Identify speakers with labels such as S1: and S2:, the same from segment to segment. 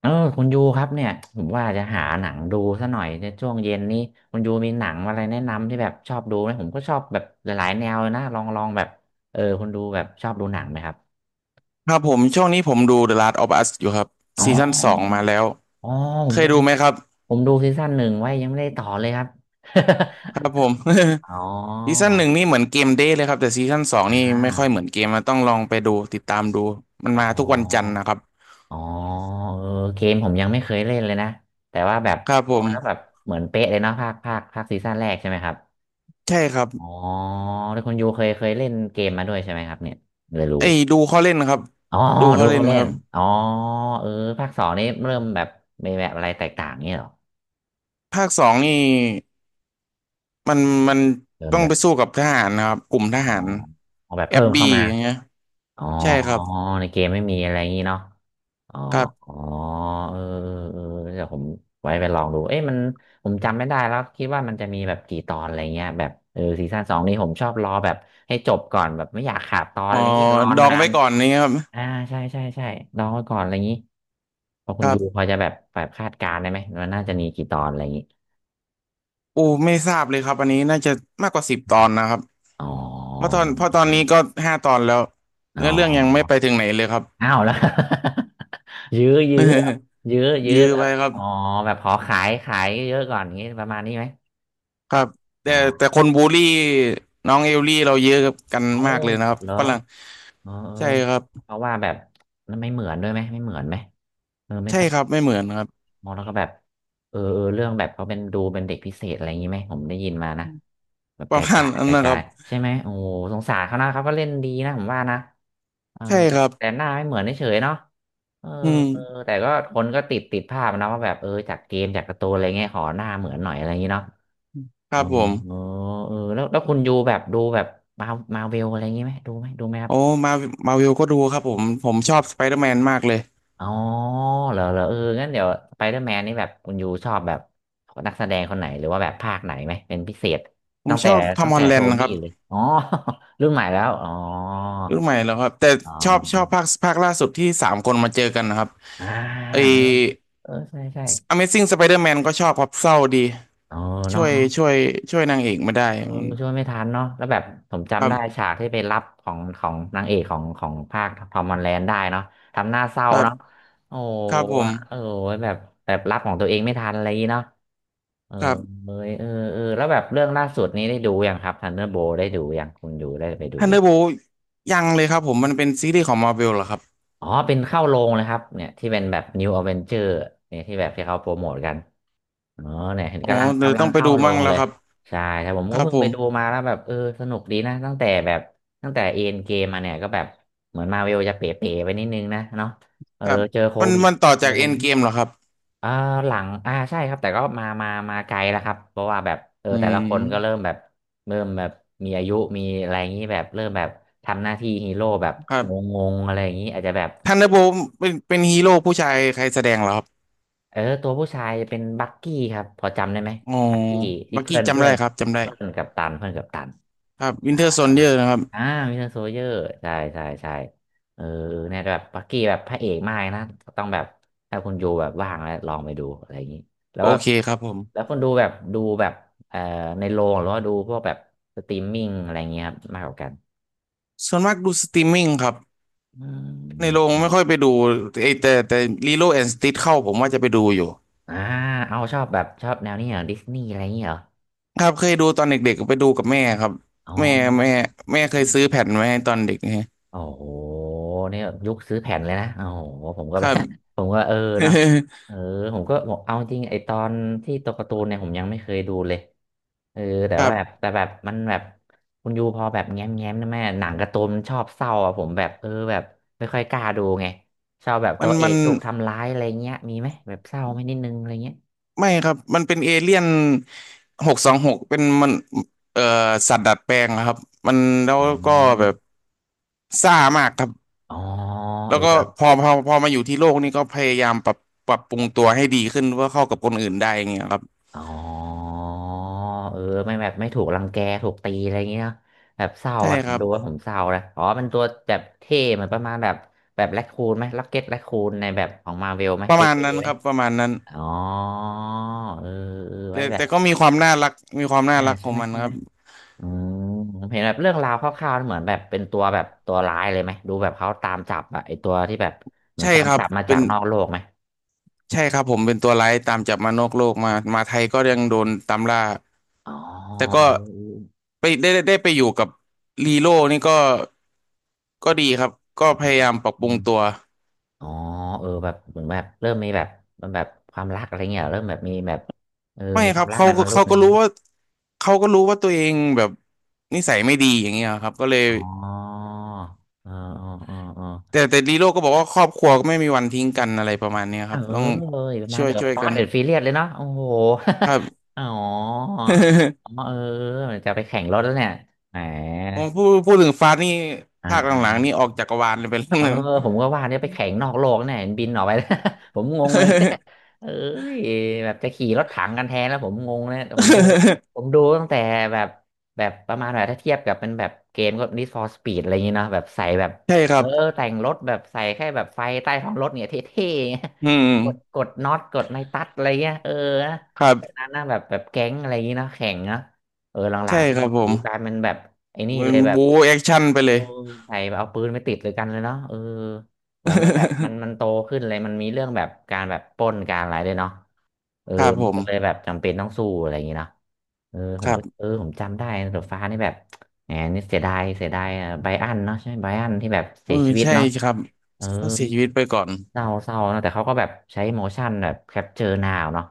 S1: เออคุณยูครับเนี่ยผมว่าจะหาหนังดูซะหน่อยในช่วงเย็นนี้คุณยูมีหนังอะไรแนะนำที่แบบชอบดูไหมผมก็ชอบแบบหลายๆแนวเลยนะลองแบบเออคุณดูแบบชอบดูหนังไหมครับ
S2: ครับผมช่วงนี้ผมดู The Last of Us อยู่ครับ
S1: อ๋
S2: ซีซั่นสอง
S1: อ
S2: มาแล้ว
S1: อ๋อผม
S2: เคย
S1: ก็
S2: ดูไหมครับ
S1: ผมดูซีซั่นหนึ่งไว้ยังไม่ได้ต่อเลยครับ
S2: ครับผม
S1: อ๋อ
S2: ซีซั่นหนึ่งนี่เหมือนเกมเดย์เลยครับแต่ซีซั่นสอง
S1: อ่
S2: นี่ไม่ค่อย
S1: า
S2: เหมือนเกมมาต้องลองไปดูติดตามดูมัน
S1: อ๋อ
S2: มาทุกวันจันทร์นะครับ
S1: อ๋อเออเกมผมยังไม่เคยเล่นเลยนะแต่ว่าแบบ
S2: ครับผ
S1: อ๋อแล้วแบ
S2: ม
S1: บเหมือนเป๊ะเลยเนาะภาคภาคภาคซีซั่นแรกใช่ไหมครับ
S2: ใช่ครับ
S1: อ๋อแล้วคุณยูเคยเล่นเกมมาด้วยใช่ไหมครับเนี่ยเลยรู้
S2: ไอ้ยดูเขาเล่นครับ
S1: อ๋อ
S2: ดู
S1: ดู
S2: เขาเล่
S1: เขา
S2: น
S1: เล่
S2: ครั
S1: น
S2: บ
S1: อ๋อเออภาคสองนี่เริ่มแบบมีแบบอะไรแตกต่างเนี่ยเหรอ
S2: ภาคสองนี่มันมัน
S1: เริ่ม
S2: ต้อง
S1: แบ
S2: ไป
S1: บ
S2: สู้กับทหารนะครับกลุ่ม
S1: อ๋
S2: ท
S1: อ
S2: หาร
S1: เอาแบบ
S2: แอ
S1: เพิ่
S2: บ
S1: ม
S2: บี้
S1: เข้ามา
S2: อย่างเงี้ย
S1: อ๋อ
S2: ใช่ครับ
S1: ในเกมไม่มีอะไรอย่างนี้เนาะอ๋อ
S2: ครั
S1: อ๋อ
S2: บ
S1: เออเออเออเดี๋ยวผมไว้ไปลองดูเอ๊ะมันผมจำไม่ได้แล้วคิดว่ามันจะมีแบบกี่ตอนอะไรเงี้ยแบบเออซีซั่นสองนี่ผมชอบรอแบบให้จบก่อนแบบไม่อยากขาดตอน
S2: อ๋อ
S1: อะไรอย่างนี้รอ
S2: ดอ
S1: นา
S2: งไว้
S1: น
S2: ก่อนนี้ครั
S1: อ่าใช่ใช่ใช่ลองไว้ก่อนอะไรอย่างนี้พอคุณยู
S2: บ
S1: พอจะแบบคาดการณ์ได้ไหมมันน่าจะมีกี่ตอนอะไรอย่างนี้
S2: โอ้ไม่ทราบเลยครับอันนี้น่าจะมากกว่า10 ตอนนะครับ
S1: อ๋อ
S2: เพราะตอนเพราะตอนนี้ก็5 ตอนแล้ว
S1: อ๋อ
S2: เนื้อเรื่องยังไม่ไปถึงไหนเลยครับ
S1: อ้าวแล้ว ยื้อเหรอ ยื้อ
S2: ยื้อ
S1: แบบ
S2: ไว้ครับ
S1: อ๋อแบบขอขายเยอะก่อนอย่างงี้ประมาณนี้ไหม
S2: ครับ
S1: อ๋อ
S2: แต่แต่คนบูลลี่น้องเอลลี่เราเยอะกัน
S1: เอ้า
S2: มากเลยนะครับ
S1: เหรอ
S2: ฝรั่ง
S1: เออเออ
S2: ใช่ครับ
S1: เพราะว่าแบบมันไม่เหมือนด้วยไหมไม่เหมือนไหมเออไม่
S2: ใช่
S1: ค่อย
S2: ครับไม่เหมือนครับ
S1: มองแล้วก็แบบเออเออเรื่องแบบเขาเป็นดูเป็นเด็กพิเศษอะไรอย่างนี้ไหมผมได้ยินมานะแบบ
S2: ป
S1: ไกล
S2: ระ
S1: ๆ
S2: มาณนั้
S1: ไก
S2: นนะค
S1: ล
S2: รับ
S1: ๆใช่ไหมโอ้โหสงสารเขานะเขาก็เล่นดีนะผมว่านะเออ
S2: ใช่ครับ
S1: แต่หน้าไม่เหมือนเฉยๆเนาะเออ
S2: อื
S1: เออ
S2: ม
S1: แต่ก็คนก็ติดภาพนะว่าแบบเออจากเกมจากการ์ตูนอะไรเงี้ยขอหน้าเหมือนหน่อยอะไรอย่างนี้เนาะ
S2: ค
S1: อ๋
S2: รั
S1: อ
S2: บผ
S1: เออ
S2: ม
S1: เออแล้วคุณยูแบบดูแบบมามาเวลอะไรอย่างนี้ไหมดูไหมดูไหมครับ
S2: โอ้มามาวิลก็ดูครับผมผมชอบสไปเดอร์แมนมากเลย
S1: อ๋อเหรอเหรอเอองั้นเดี๋ยวสไปเดอร์แมนนี่แบบคุณยูชอบแบบนักแสดงคนไหนหรือว่าแบบภาคไหนไหมเป็นพิเศษ
S2: ผม
S1: ตั้ง
S2: ช
S1: แต่
S2: อบทอม
S1: ตั้ง
S2: ฮอ
S1: แต่
S2: ลแล
S1: โท
S2: นด์ค
S1: บี้
S2: รับ
S1: เลยอ๋อ รุ่นใหม่แล้วอ๋อ
S2: ยุคใหม่แล้วครับแต่
S1: อ๋อ
S2: ชอบภาคล่าสุดที่สามคนมาเจอกันนะครับ
S1: อ่า
S2: ไอ
S1: เออเออใช่ใช่
S2: Amazing Spider-Man ก็ชอบครับเศร้าดี
S1: เออ
S2: ช่
S1: เนาะ
S2: วย
S1: เนาะ
S2: ช่วยช่วยนางเอกไม่ได้
S1: เออ
S2: มัน
S1: ช่วยไม่ทันเนาะแล้วแบบผม
S2: ครั
S1: จำได้
S2: บ
S1: ฉากที่ไปรับของของนางเอกของของภาคทอมฮอลแลนด์ได้เนาะทำหน้าเศร้า
S2: ครั
S1: เนาะ
S2: บ
S1: โอ้โ
S2: ครับผ
S1: ห
S2: ม
S1: เออแบบแบบรับของตัวเองไม่ทันอะไรอย่างงี้เนาะ เออ
S2: ครับ
S1: เอยเออเออแล้วแบบเรื่องล่าสุดนี้ได้ดูยังครับ Thunderbolt ได้ดูยังคุณอยู่ได้ไปดูยัง
S2: Thunderbolt ยังเลยครับผมมันเป็นซีรีส์ของ Marvel เหรอครับ
S1: อ๋อ เป็นเข้าโรงเลยครับเนี่ยที่เป็นแบบ New Avenger เนี่ยที่แบบที่เขาโปรโมทกันอ๋อเนี่ยเห็น
S2: อ๋อ
S1: กำลัง
S2: เดี๋ยว
S1: กำลั
S2: ต้อ
S1: ง
S2: งไป
S1: เข้า
S2: ดู
S1: โร
S2: มั่ง
S1: ง
S2: แล้
S1: เล
S2: ว
S1: ย
S2: ครับ
S1: ใช่แต่ผม
S2: ค
S1: ก็
S2: รับ
S1: เพิ่ง
S2: ผ
S1: ไป
S2: ม
S1: ดูมาแล้วแบบเออสนุกดีนะ ตั้งแต่เอ็นเกมมาเนี่ยก็แบบเหมือนมาเวลจะเป๋ๆไปนิดนึงนะเนาะเออ
S2: ครับ
S1: เจอโค
S2: มัน
S1: วิด
S2: มันต่อ
S1: เจอ
S2: จาก
S1: อะไรอย่าง
S2: Endgame
S1: งี้
S2: เกมเหรอครับ
S1: เออหลังอ่าใช่ครับแต่ก็มาไกลแล้วครับเพราะว่าแบบเออ
S2: อื
S1: แต่ละคนก็เริ่ม
S2: ม
S1: แบบเริ่มแบบมีอายุมีอะไรอย่างนี้แบบเริ่มแบบทำหน้าที่ฮีโร่แบบ
S2: ครับ
S1: งงๆอะไรอย่างนี้อาจจะแบบ
S2: ท h u n d e r b o บ t เป็นฮีโร่ผู้ชายใครแสดงเหรอครับ
S1: เออตัวผู้ชายจะเป็นบักกี้ครับพอจำได้ไหม
S2: อ๋อ
S1: บักกี้ที่
S2: บัก
S1: เพื่
S2: กี้
S1: อน
S2: จำ
S1: เพื่อ
S2: ได้
S1: น
S2: ครับจำได้
S1: เพื่อนกับตัน
S2: ครับวิน
S1: อ่า
S2: เทอร์โซนเยอร์นะครับ
S1: อ่าวินเทอร์โซเยอร์ใช่ใช่ใช่เออเนี่ยแบบปักกี้แบบพระเอกมากเลยนะต้องแบบถ้าคุณดูแบบว่างแล้วลองไปดูอะไรอย่างนี้แล้ว
S2: โอ
S1: ก็
S2: เคครับผม
S1: แล้วคุณดูแบบเอ่อในโรงหรือว่าดูพวกแบบสตรีมมิ่งอะไรอย่างเงี้ยครับมากกว่ากัน
S2: ส่วนมากดูสตรีมมิ่งครับ
S1: อื
S2: ในโรง
S1: ม
S2: ไม่ค่อยไปดูไอแต่ลีโลแอนด์สติทเข้าผมว่าจะไปดูอยู่
S1: อ่าเอาชอบแบบชอบแนวนี้เหรอดิสนีย์อะไรอย่างเงี้ยเหรอ
S2: ครับเคยดูตอนเด็กๆไปดูกับแม่ครับ
S1: อ
S2: แม่แม่
S1: ๋
S2: แม่เคยซื้อ
S1: อ
S2: แผ่นไว้ให้ตอนเด็กนะ
S1: โอ้โหเนี่ยยุคซื้อแผ่นเลยนะโอ้โหผมก็
S2: ค
S1: แบ
S2: รั
S1: บ
S2: บ
S1: ผมก็เออเนาะเออ ผมก็บอกเอาจริงไอตอนที่ตัวการ์ตูนเนี่ยผมยังไม่เคยดูเลยเออแต่
S2: ครั
S1: ว่าแบบ
S2: บ
S1: แต่แบบมันแบบคุณยูพอแบบแง้มนะแม่หนังการ์ตูนมันชอบเศร้าอะผมแบบเออแบบไม่ค่อยกล้าดูไงชอบแบบ
S2: มั
S1: ตั
S2: น
S1: วเอ
S2: มั
S1: ก
S2: น
S1: ถูกทำร้ายอะไรเงี้ยมีไหมแบบเศร้าไหมนิดนึงอะไรเงี้ย
S2: ไม่ครับมันเป็นเอเลี่ยนหกสองหกเป็นมันเอ่อสัตว์ดัดแปลงอะครับมันแล้ว
S1: อื
S2: ก็
S1: ม
S2: แบบซ่ามากครับ
S1: อ๋อ
S2: แล้
S1: เอ
S2: ว
S1: อ
S2: ก็พอมาอยู่ที่โลกนี่ก็พยายามปรับปรับปรุงตัวให้ดีขึ้นเพื่อเข้ากับคนอื่นได้อย่างเงี้ยครับ
S1: อ๋อเออไม่แบบไม่ถูกรังแกถูกตีอะไรอย่างเงี้ยเนาะแบบเศร้า
S2: ใช่
S1: อะผ
S2: ค
S1: ม
S2: รับ
S1: ดูว่าผมเศร้านะอ๋อมันตัวแบบเท่เหมือนประมาณแบบแบบแรคคูนไหมล็อกเก็ตแรคคูนในแบบของมาเวลไหม
S2: ประ
S1: เท
S2: มาณ
S1: ่
S2: นั้น
S1: ๆไหม
S2: ครับประมาณนั้น
S1: อ๋อเออเออไว้
S2: แต่
S1: แบบ
S2: แต่ก็มีความน่ารักมีความน่า
S1: อ่า
S2: รักข
S1: ใช่
S2: อง
S1: ไหม
S2: มัน
S1: ใช่
S2: ค
S1: ไหม
S2: รับ
S1: อืมผมเห็นแบบเรื่องราวคร่าวๆเหมือนแบบเป็นตัวแบบตัวร้ายเลยไหมดูแบบเขาตามจับอะไอตัวที่แบบเหมือน
S2: ใช่
S1: ตาม
S2: ครับ
S1: จับมา
S2: เป็
S1: จาก
S2: น
S1: นอกโลกไหม
S2: ใช่ครับผมเป็นตัวร้ายตามจับมานอกโลกมามาไทยก็ยังโดนตามล่า
S1: อ๋อ
S2: แต่ก็ไปได้ไปอยู่กับลีโร่นี่ก็ก็ดีครับก็พยายามปรับ
S1: เอ
S2: ปรุง
S1: อ
S2: ตัว
S1: อ๋อเออแบบเหมือนแบบเริ่มมีแบบมันแบบความรักอะไรเงี้ยเหรอเริ่มแบบมีแบบเออ
S2: ไม่
S1: มีค
S2: ค
S1: วา
S2: รั
S1: ม
S2: บ
S1: รัก
S2: เขา
S1: นั้น
S2: ก็
S1: มารุด
S2: เขา
S1: ใน
S2: ก็
S1: ไห
S2: รู้
S1: ม
S2: ว่าเขาก็รู้ว่าตัวเองแบบนิสัยไม่ดีอย่างเงี้ยครับก็เลย
S1: อ๋อเออเออเออเออ
S2: แต่ลีโร่ก็บอกว่าครอบครัวก็ไม่มีวันทิ้งกันอะไรประมาณเนี้ย
S1: เอ
S2: ค
S1: อ
S2: รับต้อง
S1: เอยประมา
S2: ช่
S1: ณ
S2: วย
S1: เดอะ
S2: ช่วย
S1: ฟา
S2: กั
S1: ส
S2: น
S1: ต์แอนด์ฟิเลียสเลยเนาะโอ้โห
S2: ครับ
S1: อ๋อ อ๋อเออจะไปแข่งรถแล้วเนี่ยแหม
S2: ผมพูดถึงฟาสนี่
S1: อ
S2: ภาคหลั
S1: ่า
S2: งๆนี่ออกจักรวาลเลยไปแล้ร่ง
S1: เออ
S2: นึ่ง
S1: ผมก็ว่าเนี่ยไปแข่งนอกโลกเนี่ยเห็นบินออกไป ผมงงเลย เนี่ยเอ้ยแบบจะขี่รถถังกันแทนแล้วผมงงเลยผมดู ผมดูตั้งแต่แบบแบบประมาณแบบถ้าเทียบกับเป็นแบบเกมก็ Need for Speed อะไรอย่างเงี้เนาะแบบใส่แบบ
S2: ใช่ค
S1: เอ
S2: รั
S1: อ
S2: บ
S1: แต่งรถแบบใส่แค่แบบไฟใต้ท้องรถเนี่ยเท่ๆเงี้ย
S2: อืม
S1: กดน็อตกดในตัดอะไรเงี้ยเออนะ
S2: ครั
S1: แบบ
S2: บ
S1: นั้นนะแบบแบบแก๊งอะไรอย่างเงี้เนาะแข่งเนาะเออหลั
S2: ใช่
S1: งๆนี่
S2: ครับ
S1: โอ้
S2: ผ
S1: โห
S2: ม
S1: กลายเป็นแบบไอ้นี่
S2: มั
S1: เล
S2: น
S1: ยแบบ
S2: บู๊แอคชั่นไป
S1: เอ
S2: เล
S1: อ
S2: ย
S1: ใส่เอาปืนไปติดเลยกันเลยเนาะเออเหมือนมันแบบมัน โตขึ้นเลยมันมีเรื่องแบบการแบบปล้นการอะไรด้วยเนาะเออ
S2: ครับผ
S1: มันก็เลย
S2: ม
S1: แบบจำเป็นต้องสู้อะไรอย่างงี้เนาะเออผ
S2: ค
S1: ม
S2: รั
S1: ก็เอ
S2: บ
S1: อผมจำได้นะรถไฟฟ้านี่แบบแหมนี่เสียดายอ่ะไบรอันเนาะใช่ไหมไบรอันที่แบบ
S2: เอ
S1: เสี
S2: อ
S1: ยชีวิต
S2: ใช่
S1: เนาะ
S2: ครับ
S1: เออ
S2: เขาเสียชีวิตไปก่อน
S1: เศร้าเนอะแต่เขาก็แบบใช้โมชั่นแบบแคปเจอร์นาวเนาะ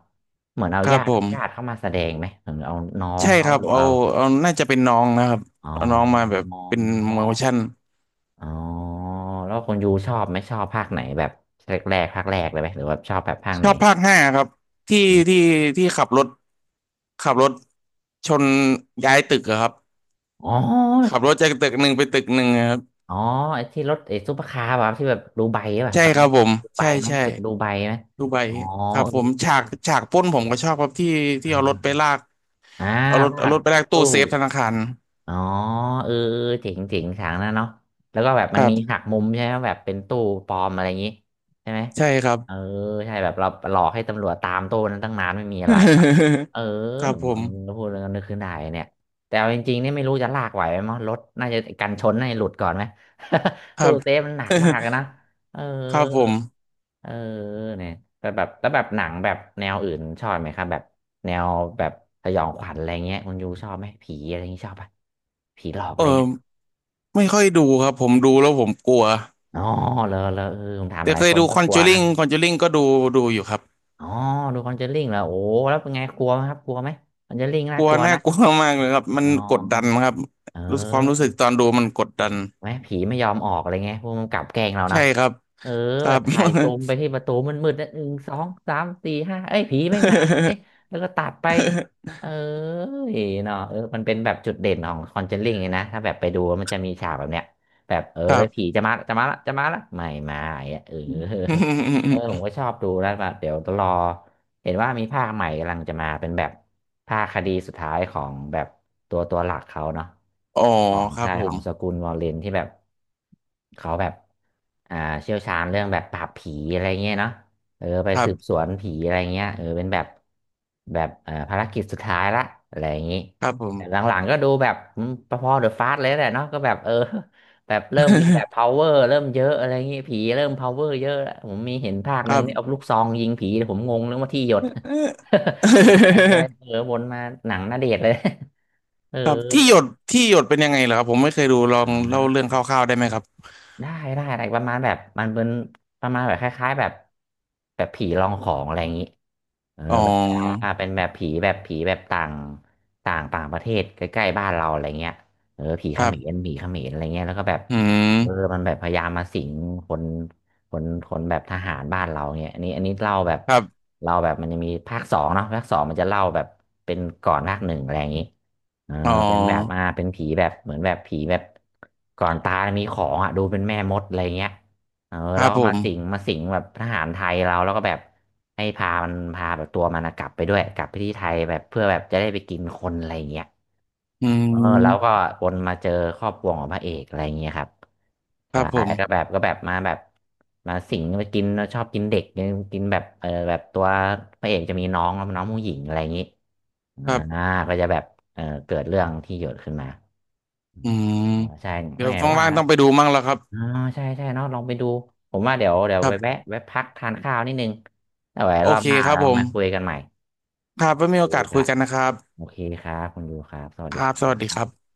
S1: เหมือนเอา
S2: ครั
S1: ญา
S2: บ
S1: ติ
S2: ผม
S1: ญาติเข้ามาแสดงไหมเหมือนเอาน้อง
S2: ใช่
S1: เขา
S2: ครับ
S1: หรือ
S2: เอา
S1: เอา
S2: เอาน่าจะเป็นน้องนะครับ
S1: อ๋
S2: เอาน้องมาแบบเป็นโมชั่
S1: อ
S2: น
S1: อ๋อแล้วคนยูชอบไหมชอบภาคไหนแบบแรกภาคแรกเลยไหมหรือว่าชอบแบบภาค
S2: ช
S1: ไหน
S2: อบภาค 5ครับที่
S1: อม
S2: ที่ที่ขับรถชนย้ายตึกอะครับ
S1: อ๋อ
S2: ขับรถจากตึกหนึ่งไปตึกหนึ่งอะครับ
S1: อ๋อไอ้ที่รถไอ้ซุปเปอร์คาร์แบบที่แบบดูไบป่ะ
S2: ใช่
S1: ตอน
S2: ครั
S1: นั้
S2: บ
S1: น
S2: ผม
S1: ดูไบ
S2: ใช่
S1: ไหม
S2: ใช่
S1: ตึกดูไบไหม
S2: ดูไบ
S1: อ๋อ
S2: ครับผม
S1: เ
S2: ฉากปล้นผมก็ชอบครับที่
S1: อ
S2: ที่เอารถไป
S1: อ
S2: ลาก
S1: อ่า
S2: เอารถเอา
S1: ล่า
S2: รถไปลา
S1: ก
S2: กตู้
S1: ตู้
S2: เซฟธนาคาร
S1: อ๋อเออเออเจ๋งฉากนั้นเนาะแล้วก็แบบ
S2: ค
S1: มัน
S2: รั
S1: มี
S2: บ
S1: หักมุมใช่ไหมแบบเป็นตู้ปลอมอะไรอย่างงี้ใช่ไหม
S2: ใช่ครับ
S1: เออใช่แบบเราหลอกให้ตำรวจตามตู้นั้นตั้งนานไม่มีอะไรเนาะ เออ
S2: ครับผม
S1: พูดแล้วก็นึกขึ้นได้เนี่ยแต่เอาจริงๆเนี่ยไม่รู้จะลากไหวไหมมั้งรถน่าจะกันชนน่าจะหลุดก่อนไหม
S2: ค รั
S1: ตู้
S2: บ
S1: เซฟมันหนักมา กอะนะเออ
S2: ครับผม
S1: เออเนี่ย แต่แบบแล้วแบบหนังแบบแนวอื่นชอบไหมครับแบบแนวแบบสยองขวัญอะไรเงี้ยคุณยูชอบไหม ผีอะไรอยงี้ยชอบปะผีหลอกอะ
S2: เออ
S1: ไรเงี้ย
S2: ไม่ค่อยดูครับผมดูแล้วผมกลัว
S1: อ๋อเออผมถาม
S2: แต่
S1: หลา
S2: เค
S1: ย
S2: ย
S1: คน
S2: ดู
S1: ก็
S2: คอน
S1: กลัว
S2: จูริ
S1: นะ
S2: งคอนจูริงก็ดูดูอยู่ครับ
S1: อ๋อดูคอนเจอริ่งเหรอโอ้แล้วเป็นไงกลัวไหมครับกลัวไหมคอนเจอริ่ง
S2: ก
S1: น่า
S2: ลัว
S1: กลัว
S2: น่า
S1: นะ
S2: กลัวมากเลยครับมัน
S1: อ๋
S2: กดดัน
S1: อ
S2: ครับ
S1: เอ
S2: รู้สึกความรู้สึกต
S1: อ
S2: อนดูมันกดดัน
S1: ไหมผีไม่ยอมออกอะไรเงี้ยพวกมันกลับแกล้งเรา
S2: ใช่
S1: เนาะ
S2: ครับ
S1: เออ
S2: ครั
S1: แบบ
S2: บ
S1: ถ่ายซูมไป ที่ประตูมนมืดๆนะหนึ่งสองสามสี่ห้าเอ้ยผีไม่มาเอ้ยแล้วก็ตัดไปเออเนาะเออมันเป็นแบบจุดเด่นของคอนเจลลิ่งนะถ้าแบบไปดูมันจะมีฉากแบบเนี้ยแบบเออ
S2: ครับ
S1: ผีจะมาจะมาละจะมาละไม่มาอย่างเงี้ยเออ เออผม ก็ชอบดูแล้วแบบเดี๋ยวรอ เห็นว่ามีภาคใหม่กำลังจะมาเป็นแบบภาคคดีสุดท้ายของแบบตัวหลักเขาเนาะ
S2: อ๋อ
S1: ของ
S2: ครับ
S1: ใช่
S2: ผ
S1: ขอ
S2: ม
S1: งสกุลวอลเลนที่แบบเขาแบบอ่าเชี่ยวชาญเรื่องแบบปราบผีอะไรเงี้ยเนาะเออไป
S2: ครั
S1: สืบส
S2: บ
S1: วนผีอะไรเงี้ยเออเป็นแบบแบบภารกิจสุดท้ายละอะไรอย่างนี้
S2: ครับผม
S1: แต่หลังๆก็ดูแบบอืมพอๆเดอะฟาสเลยแหละเนาะก็แบบเออ แบบเริ่มมีแบบ power เริ่มเยอะอะไรเงี้ยผีเริ่ม power เยอะแล้วผมมีเห็นภาค
S2: ค
S1: หนึ่
S2: รั
S1: ง
S2: บ
S1: เนี่ยเอาลูกซองยิงผีผมงงเรื่องว่าที่หยด ผมงงเลยเออวนมาหนังณเดชน์เลย เออ
S2: ครับที่หยดที่หยดเป็นยังไงเหรอครับผมไม่เคยดูลอ
S1: อ่
S2: งเล่าเรื่อง
S1: า
S2: คร่าวๆได้ไหมครับ
S1: ได้ได้อะไรประมาณแบบมันเป็นประมาณแบบคล้ายๆแบบแบบผีลองของอะไรอย่างนี้เออ
S2: อ๋
S1: แบบ
S2: อ
S1: อ่าเป็นแบบผีแบบผีแบบต่างต่างต่างประเทศใกล้ๆบ้านเราอะไรเงี้ยเออผีเข
S2: ครั
S1: มร
S2: บ
S1: ผีเขมรอะไรเงี้ยแล้วก็แบบ
S2: อื
S1: เออ
S2: ม
S1: มันแบบพยายามมาสิงคน ขนแบบทหารบ้านเราเนี่ยอันนี้เล่าแบบ
S2: ครับ
S1: เล่าแบบมันจะมีภาคสองเนาะภาคสองมันจะเล่าแบบเป็นก่อนภาคหนึ่งอะไรอย่างนี้เอ่า
S2: อ๋
S1: เป็นแบบ
S2: อ
S1: อ่าเป็นผีแบบเหมือนแบบผีแบบก่อนตายมีของอ่ะดูเป็นแม่มดอะไรเงี้ยเออ
S2: ค
S1: แล้
S2: รั
S1: ว
S2: บ
S1: ก็
S2: ผ
S1: มา
S2: ม
S1: สิงมาสิงแบบทหารไทยเราแล้วก็แบบให้พามันพาแบบตัวมันอะกลับไปด้วยกลับไปที่ไทยแบบเพื่อแบบจะได้ไปกินคนอะไรอย่างเงี้ย
S2: อื
S1: เออแล้วก็
S2: ม
S1: วนมาเจอครอบครัวของพระเอกอะไรอย่างเงี้ยครับ
S2: ค
S1: ใช่
S2: รับผ
S1: ก็
S2: ม
S1: แบบก็แบบมาแบบมาสิงมากินชอบกินเด็กกินแบบเออแบบตัวพระเอกจะมีน้องน้องผู้หญิงอะไรอย่างงี้
S2: ค
S1: อ่
S2: รั
S1: า
S2: บ
S1: ก็จะแบบเออเกิดเรื่องที่หยดขึ้นมาอื
S2: อื
S1: ม
S2: ม
S1: เออใช่
S2: เดี๋
S1: ไม่
S2: ยว
S1: ไงว่า
S2: ว่าง
S1: แล้
S2: ๆ
S1: ว
S2: ต้องไปดูมั่งแล้วครับ
S1: อ๋อใช่ใช่เนาะลองไปดูผมว่าเดี๋ยว
S2: ครั
S1: ไปแวะ
S2: บ
S1: แวะพักทานข้าวนิดนึงแล้วไว้
S2: โอ
S1: รอบ
S2: เค
S1: หน้า
S2: ครับ
S1: เรา
S2: ผม
S1: มาคุยกันใหม่
S2: ครับไว้มีโอ
S1: ดี
S2: กาส
S1: ค
S2: คุ
S1: รั
S2: ย
S1: บ
S2: กันนะครับ
S1: โอเคครับคุณยูครับสวัส
S2: ค
S1: ดี
S2: รั
S1: ค
S2: บ
S1: รั
S2: สวัสดี
S1: บ
S2: ครับ